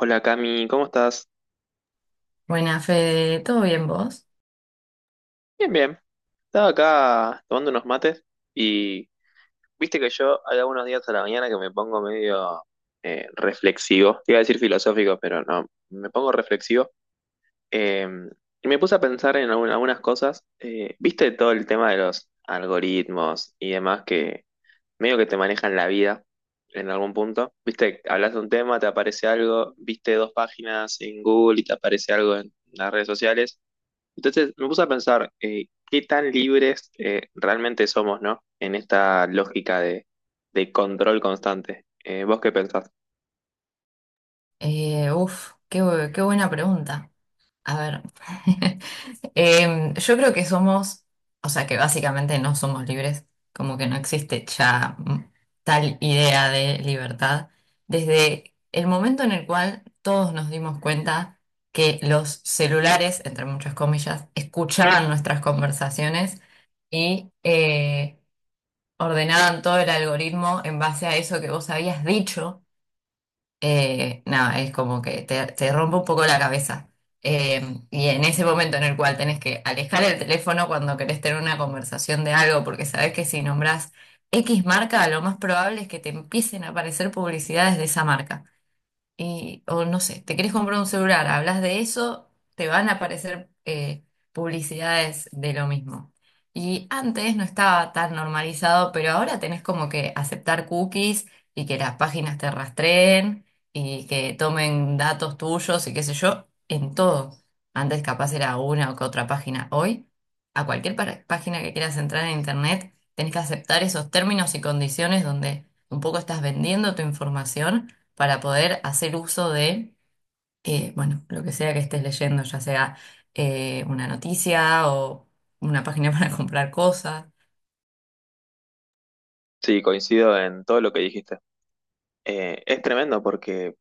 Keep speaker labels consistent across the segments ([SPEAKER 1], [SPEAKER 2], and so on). [SPEAKER 1] Hola Cami, ¿cómo estás?
[SPEAKER 2] Buena, Fede, ¿todo bien vos?
[SPEAKER 1] Bien, bien. Estaba acá tomando unos mates y viste que yo hay algunos días a la mañana que me pongo medio reflexivo. Te iba a decir filosófico, pero no, me pongo reflexivo. Eh, y me puse a pensar en algunas cosas. Viste todo el tema de los algoritmos y demás que medio que te manejan la vida en algún punto. Viste, hablas de un tema, te aparece algo, viste dos páginas en Google y te aparece algo en las redes sociales. Entonces, me puse a pensar qué tan libres realmente somos, ¿no? En esta lógica de control constante. ¿Vos qué pensás?
[SPEAKER 2] Qué buena pregunta. A ver, yo creo que somos, o sea, que básicamente no somos libres, como que no existe ya tal idea de libertad, desde el momento en el cual todos nos dimos cuenta que los celulares, entre muchas comillas, escuchaban nuestras conversaciones y ordenaban todo el algoritmo en base a eso que vos habías dicho. Nada, es como que te rompe un poco la cabeza. Y en ese momento en el cual tenés que alejar el teléfono cuando querés tener una conversación de algo, porque sabés que si nombrás X marca, lo más probable es que te empiecen a aparecer publicidades de esa marca, o no sé, te querés comprar un celular, hablas de eso, te van a aparecer publicidades de lo mismo. Y antes no estaba tan normalizado, pero ahora tenés como que aceptar cookies y que las páginas te rastreen y que tomen datos tuyos y qué sé yo, en todo. Antes capaz era una o que otra página. Hoy, a cualquier página que quieras entrar en internet, tenés que aceptar esos términos y condiciones donde un poco estás vendiendo tu información para poder hacer uso de, bueno, lo que sea que estés leyendo, ya sea una noticia o una página para comprar cosas.
[SPEAKER 1] Sí, coincido en todo lo que dijiste. Es tremendo porque,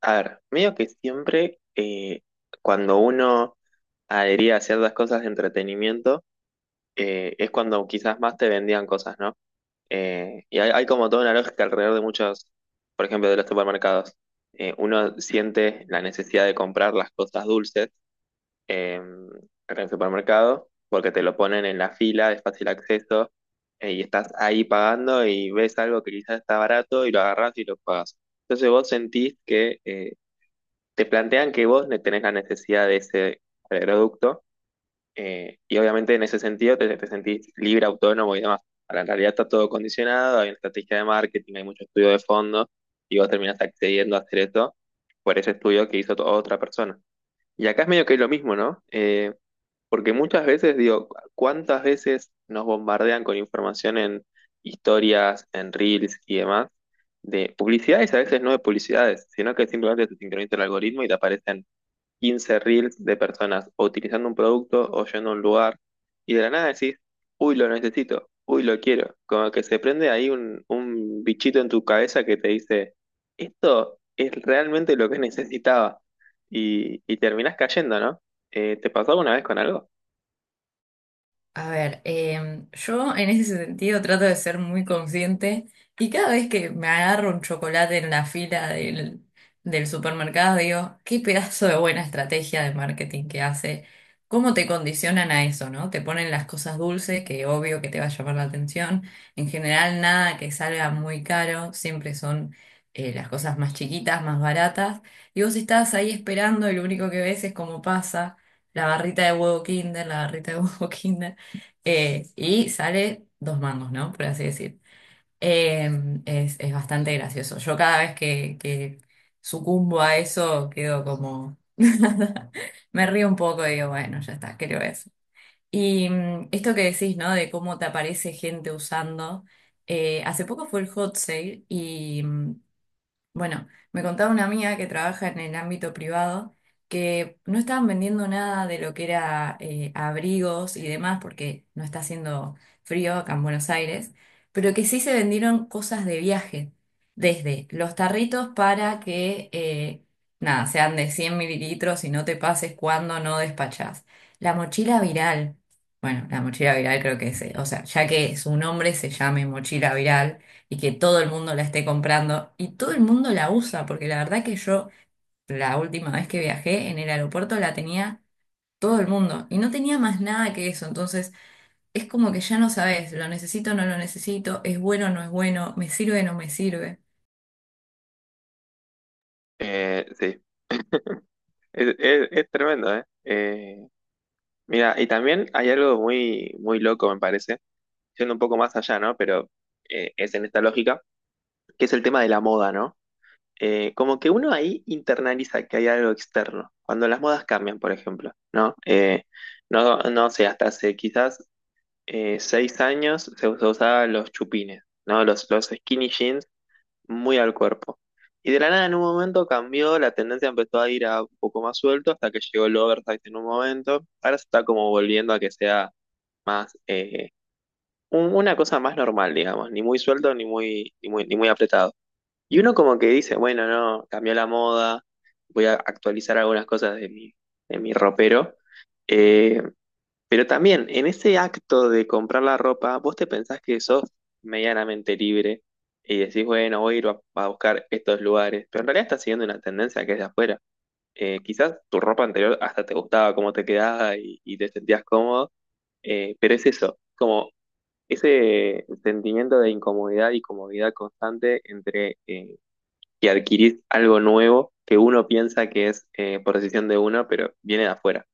[SPEAKER 1] a ver, medio que siempre cuando uno adhería a ciertas cosas de entretenimiento, es cuando quizás más te vendían cosas, ¿no? Y hay como toda una lógica alrededor de muchos, por ejemplo, de los supermercados. Uno siente la necesidad de comprar las cosas dulces en el supermercado porque te lo ponen en la fila de fácil acceso y estás ahí pagando y ves algo que quizás está barato y lo agarras y lo pagas. Entonces vos sentís que te plantean que vos tenés la necesidad de ese producto y obviamente en ese sentido te sentís libre, autónomo y demás. Ahora, en realidad está todo condicionado, hay una estrategia de marketing, hay mucho estudio de fondo, y vos terminás accediendo a hacer esto por ese estudio que hizo otra persona. Y acá es medio que es lo mismo, ¿no? Porque muchas veces, digo, ¿cuántas veces nos bombardean con información en historias, en reels y demás? De publicidades, a veces no de publicidades, sino que simplemente te sincroniza el algoritmo y te aparecen 15 reels de personas o utilizando un producto o yendo a un lugar y de la nada decís, uy, lo necesito, uy, lo quiero. Como que se prende ahí un bichito en tu cabeza que te dice, esto es realmente lo que necesitaba y terminás cayendo, ¿no? ¿Te pasó alguna vez con algo?
[SPEAKER 2] A ver, yo en ese sentido trato de ser muy consciente y cada vez que me agarro un chocolate en la fila del supermercado, digo, qué pedazo de buena estrategia de marketing que hace, cómo te condicionan a eso, ¿no? Te ponen las cosas dulces, que obvio que te va a llamar la atención. En general, nada que salga muy caro, siempre son las cosas más chiquitas, más baratas. Y vos estás ahí esperando y lo único que ves es cómo pasa. La barrita de huevo Kinder, la barrita de huevo Kinder. Y sale dos mangos, ¿no? Por así decir. Eh, es bastante gracioso. Yo cada vez que sucumbo a eso quedo como... Me río un poco y digo, bueno, ya está, creo eso. Y esto que decís, ¿no? De cómo te aparece gente usando. Hace poco fue el hot sale y bueno, me contaba una amiga que trabaja en el ámbito privado que no estaban vendiendo nada de lo que era abrigos y demás porque no está haciendo frío acá en Buenos Aires, pero que sí se vendieron cosas de viaje, desde los tarritos para que, nada, sean de 100 mililitros y no te pases cuando no despachás. La mochila viral, bueno, la mochila viral creo que es, o sea, ya que su nombre se llame mochila viral y que todo el mundo la esté comprando y todo el mundo la usa, porque la verdad que yo la última vez que viajé en el aeropuerto la tenía todo el mundo y no tenía más nada que eso, entonces es como que ya no sabes, lo necesito o no lo necesito, es bueno o no es bueno, me sirve o no me sirve.
[SPEAKER 1] Sí, es tremendo, ¿eh? Mira, y también hay algo muy, muy loco, me parece, siendo un poco más allá, ¿no? Pero es en esta lógica, que es el tema de la moda, ¿no? Como que uno ahí internaliza que hay algo externo. Cuando las modas cambian, por ejemplo, ¿no? No sé, hasta hace quizás 6 años se usaban los chupines, ¿no? Los skinny jeans muy al cuerpo. Y de la nada en un momento cambió, la tendencia empezó a ir a un poco más suelto hasta que llegó el oversize en un momento. Ahora se está como volviendo a que sea más, una cosa más normal, digamos, ni muy suelto ni muy, ni muy apretado. Y uno como que dice, bueno, no, cambió la moda, voy a actualizar algunas cosas de de mi ropero. Eh, pero también en ese acto de comprar la ropa, vos te pensás que sos medianamente libre y decís, bueno, voy a ir a buscar estos lugares, pero en realidad estás siguiendo una tendencia que es de afuera. Quizás tu ropa anterior hasta te gustaba cómo te quedaba y te sentías cómodo, pero es eso, como ese sentimiento de incomodidad y comodidad constante entre y adquirís algo nuevo que uno piensa que es por decisión de uno, pero viene de afuera.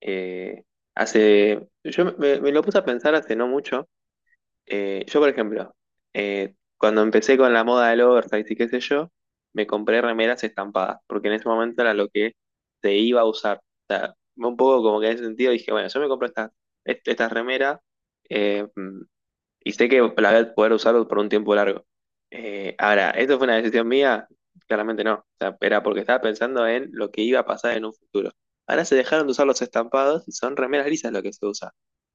[SPEAKER 1] Eh, yo me lo puse a pensar hace no mucho. Yo, por ejemplo, cuando empecé con la moda del oversize y qué sé yo, me compré remeras estampadas, porque en ese momento era lo que se iba a usar. O sea, un poco como que en ese sentido dije, bueno, yo me compro estas remeras, eh, mm, y sé que la voy a poder usar por un tiempo largo. Ahora, ¿esto fue una decisión mía? Claramente no. O sea, era porque estaba pensando en lo que iba a pasar en un futuro. Ahora se dejaron de usar los estampados y son remeras lisas lo que se usa.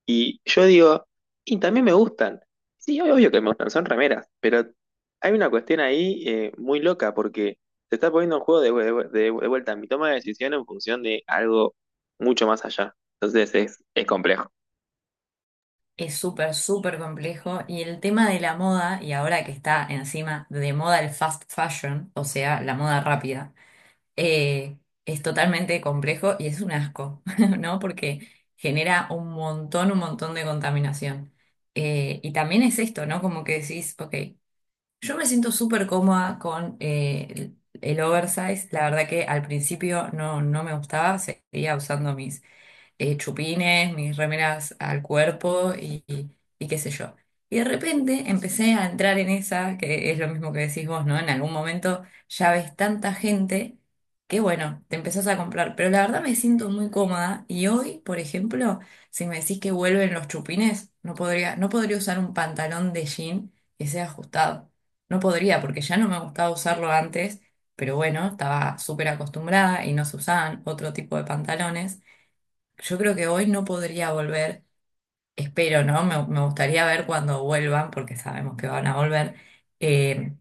[SPEAKER 1] Y yo digo, y también me gustan. Sí, obvio que me gustan, son remeras, pero hay una cuestión ahí muy loca porque se está poniendo en juego de vuelta mi toma de decisión en función de algo mucho más allá. Entonces es complejo.
[SPEAKER 2] Es súper, súper complejo y el tema de la moda, y ahora que está encima de moda el fast fashion, o sea, la moda rápida. eh, es totalmente complejo y es un asco, ¿no? Porque genera un montón de contaminación. Y también es esto, ¿no? Como que decís, ok, yo me siento súper cómoda con el oversize. La verdad que al principio no, no me gustaba, seguía usando mis chupines, mis remeras al cuerpo y qué sé yo. Y de repente empecé a entrar en esa, que es lo mismo que decís vos, ¿no? En algún momento ya ves tanta gente que bueno, te empezás a comprar. Pero la verdad me siento muy cómoda y hoy, por ejemplo, si me decís que vuelven los chupines, no podría, no podría usar un pantalón de jean que sea ajustado. No podría, porque ya no me gustaba usarlo antes, pero bueno, estaba súper acostumbrada y no se usaban otro tipo de pantalones. Yo creo que hoy no podría volver, espero, ¿no? Me gustaría ver cuando vuelvan, porque sabemos que van a volver, eh,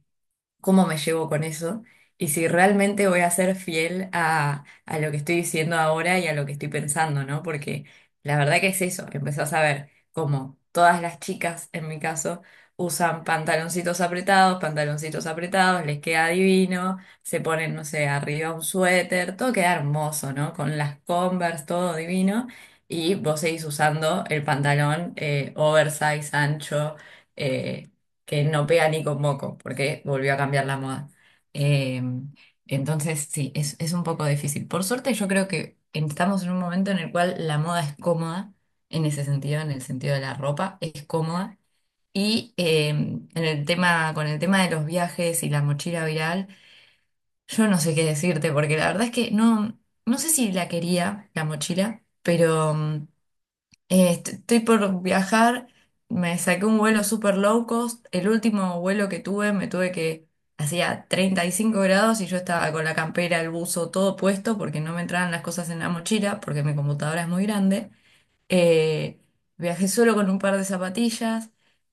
[SPEAKER 2] cómo me llevo con eso y si realmente voy a ser fiel a lo que estoy diciendo ahora y a lo que estoy pensando, ¿no? Porque la verdad que es eso, empezás a ver cómo todas las chicas, en mi caso, usan pantaloncitos apretados, les queda divino, se ponen, no sé, arriba un suéter, todo queda hermoso, ¿no? Con las Converse, todo divino. Y vos seguís usando el pantalón oversize, ancho, eh, que no pega ni con moco, porque volvió a cambiar la moda. Eh, entonces, sí, es un poco difícil. Por suerte, yo creo que estamos en un momento en el cual la moda es cómoda, en ese sentido, en el sentido de la ropa, es cómoda. Y en el tema, con el tema de los viajes y la mochila viral, yo no sé qué decirte, porque la verdad es que no, no sé si la quería, la mochila, pero... estoy por viajar, me saqué un vuelo super low cost, el último vuelo que tuve me tuve que, hacía 35 grados y yo estaba con la campera, el buzo, todo puesto porque no me entraban las cosas en la mochila porque mi computadora es muy grande. Eh, Viajé solo con un par de zapatillas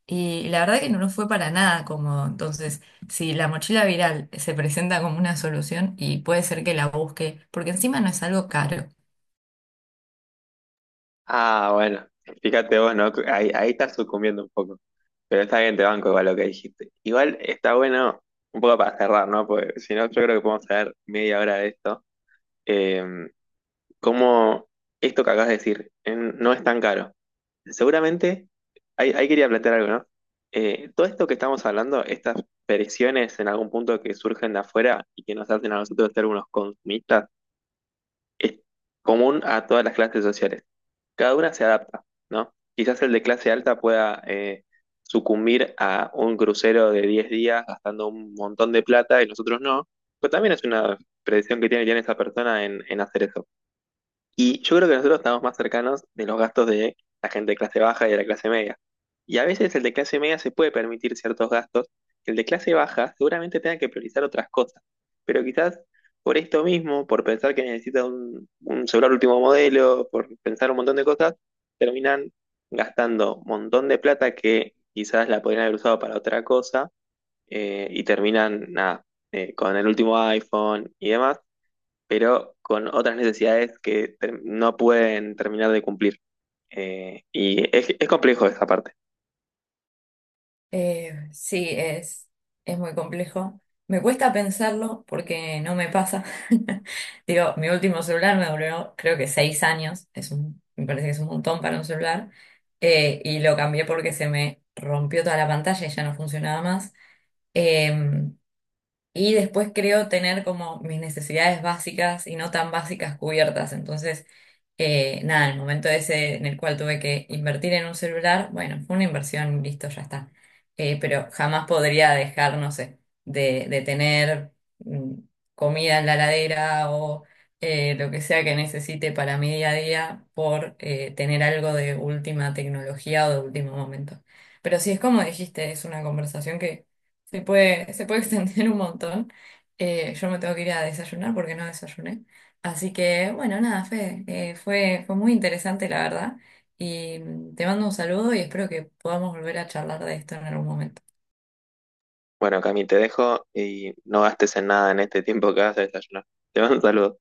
[SPEAKER 2] y la verdad que no nos fue para nada cómodo. Entonces, si la mochila viral se presenta como una solución y puede ser que la busque, porque encima no es algo caro.
[SPEAKER 1] Ah, bueno, fíjate vos, ¿no? Ahí estás sucumbiendo un poco. Pero está bien, te banco igual lo que dijiste. Igual está bueno, un poco para cerrar, ¿no? Porque si no, yo creo que podemos hacer media hora de esto. Eh, Cómo esto que acabas de decir, no es tan caro. Seguramente, ahí quería plantear algo, ¿no? Todo esto que estamos hablando, estas presiones en algún punto que surgen de afuera y que nos hacen a nosotros ser unos consumistas, es común a todas las clases sociales. Cada una se adapta, ¿no? Quizás el de clase alta pueda sucumbir a un crucero de 10 días gastando un montón de plata y nosotros no, pero también es una predicción que tiene esa persona en hacer eso. Y yo creo que nosotros estamos más cercanos de los gastos de la gente de clase baja y de la clase media. Y a veces el de clase media se puede permitir ciertos gastos, que el de clase baja seguramente tenga que priorizar otras cosas. Pero quizás por esto mismo, por pensar que necesita un celular último modelo, por pensar un montón de cosas, terminan gastando un montón de plata que quizás la podrían haber usado para otra cosa y terminan nada, con el último iPhone y demás pero con otras necesidades que no pueden terminar de cumplir. Y es complejo esa parte.
[SPEAKER 2] Sí, es muy complejo. Me cuesta pensarlo porque no me pasa. Digo, mi último celular me duró creo que 6 años. Es un, me parece que es un montón para un celular. Y lo cambié porque se me rompió toda la pantalla y ya no funcionaba más. Eh, y después creo tener como mis necesidades básicas y no tan básicas cubiertas. Entonces nada, el momento ese en el cual tuve que invertir en un celular, bueno, fue una inversión, listo, ya está. Pero jamás podría dejar, no sé, de tener mm, comida en la heladera o lo que sea que necesite para mi día a día por tener algo de última tecnología o de último momento. Pero sí, es como dijiste, es una conversación que se puede extender un montón. Yo me tengo que ir a desayunar porque no desayuné. Así que, bueno, nada, Fede, fue muy interesante, la verdad. Y te mando un saludo y espero que podamos volver a charlar de esto en algún momento.
[SPEAKER 1] Bueno, Cami, te dejo y no gastes en nada en este tiempo que vas a desayunar. Te mando un saludo.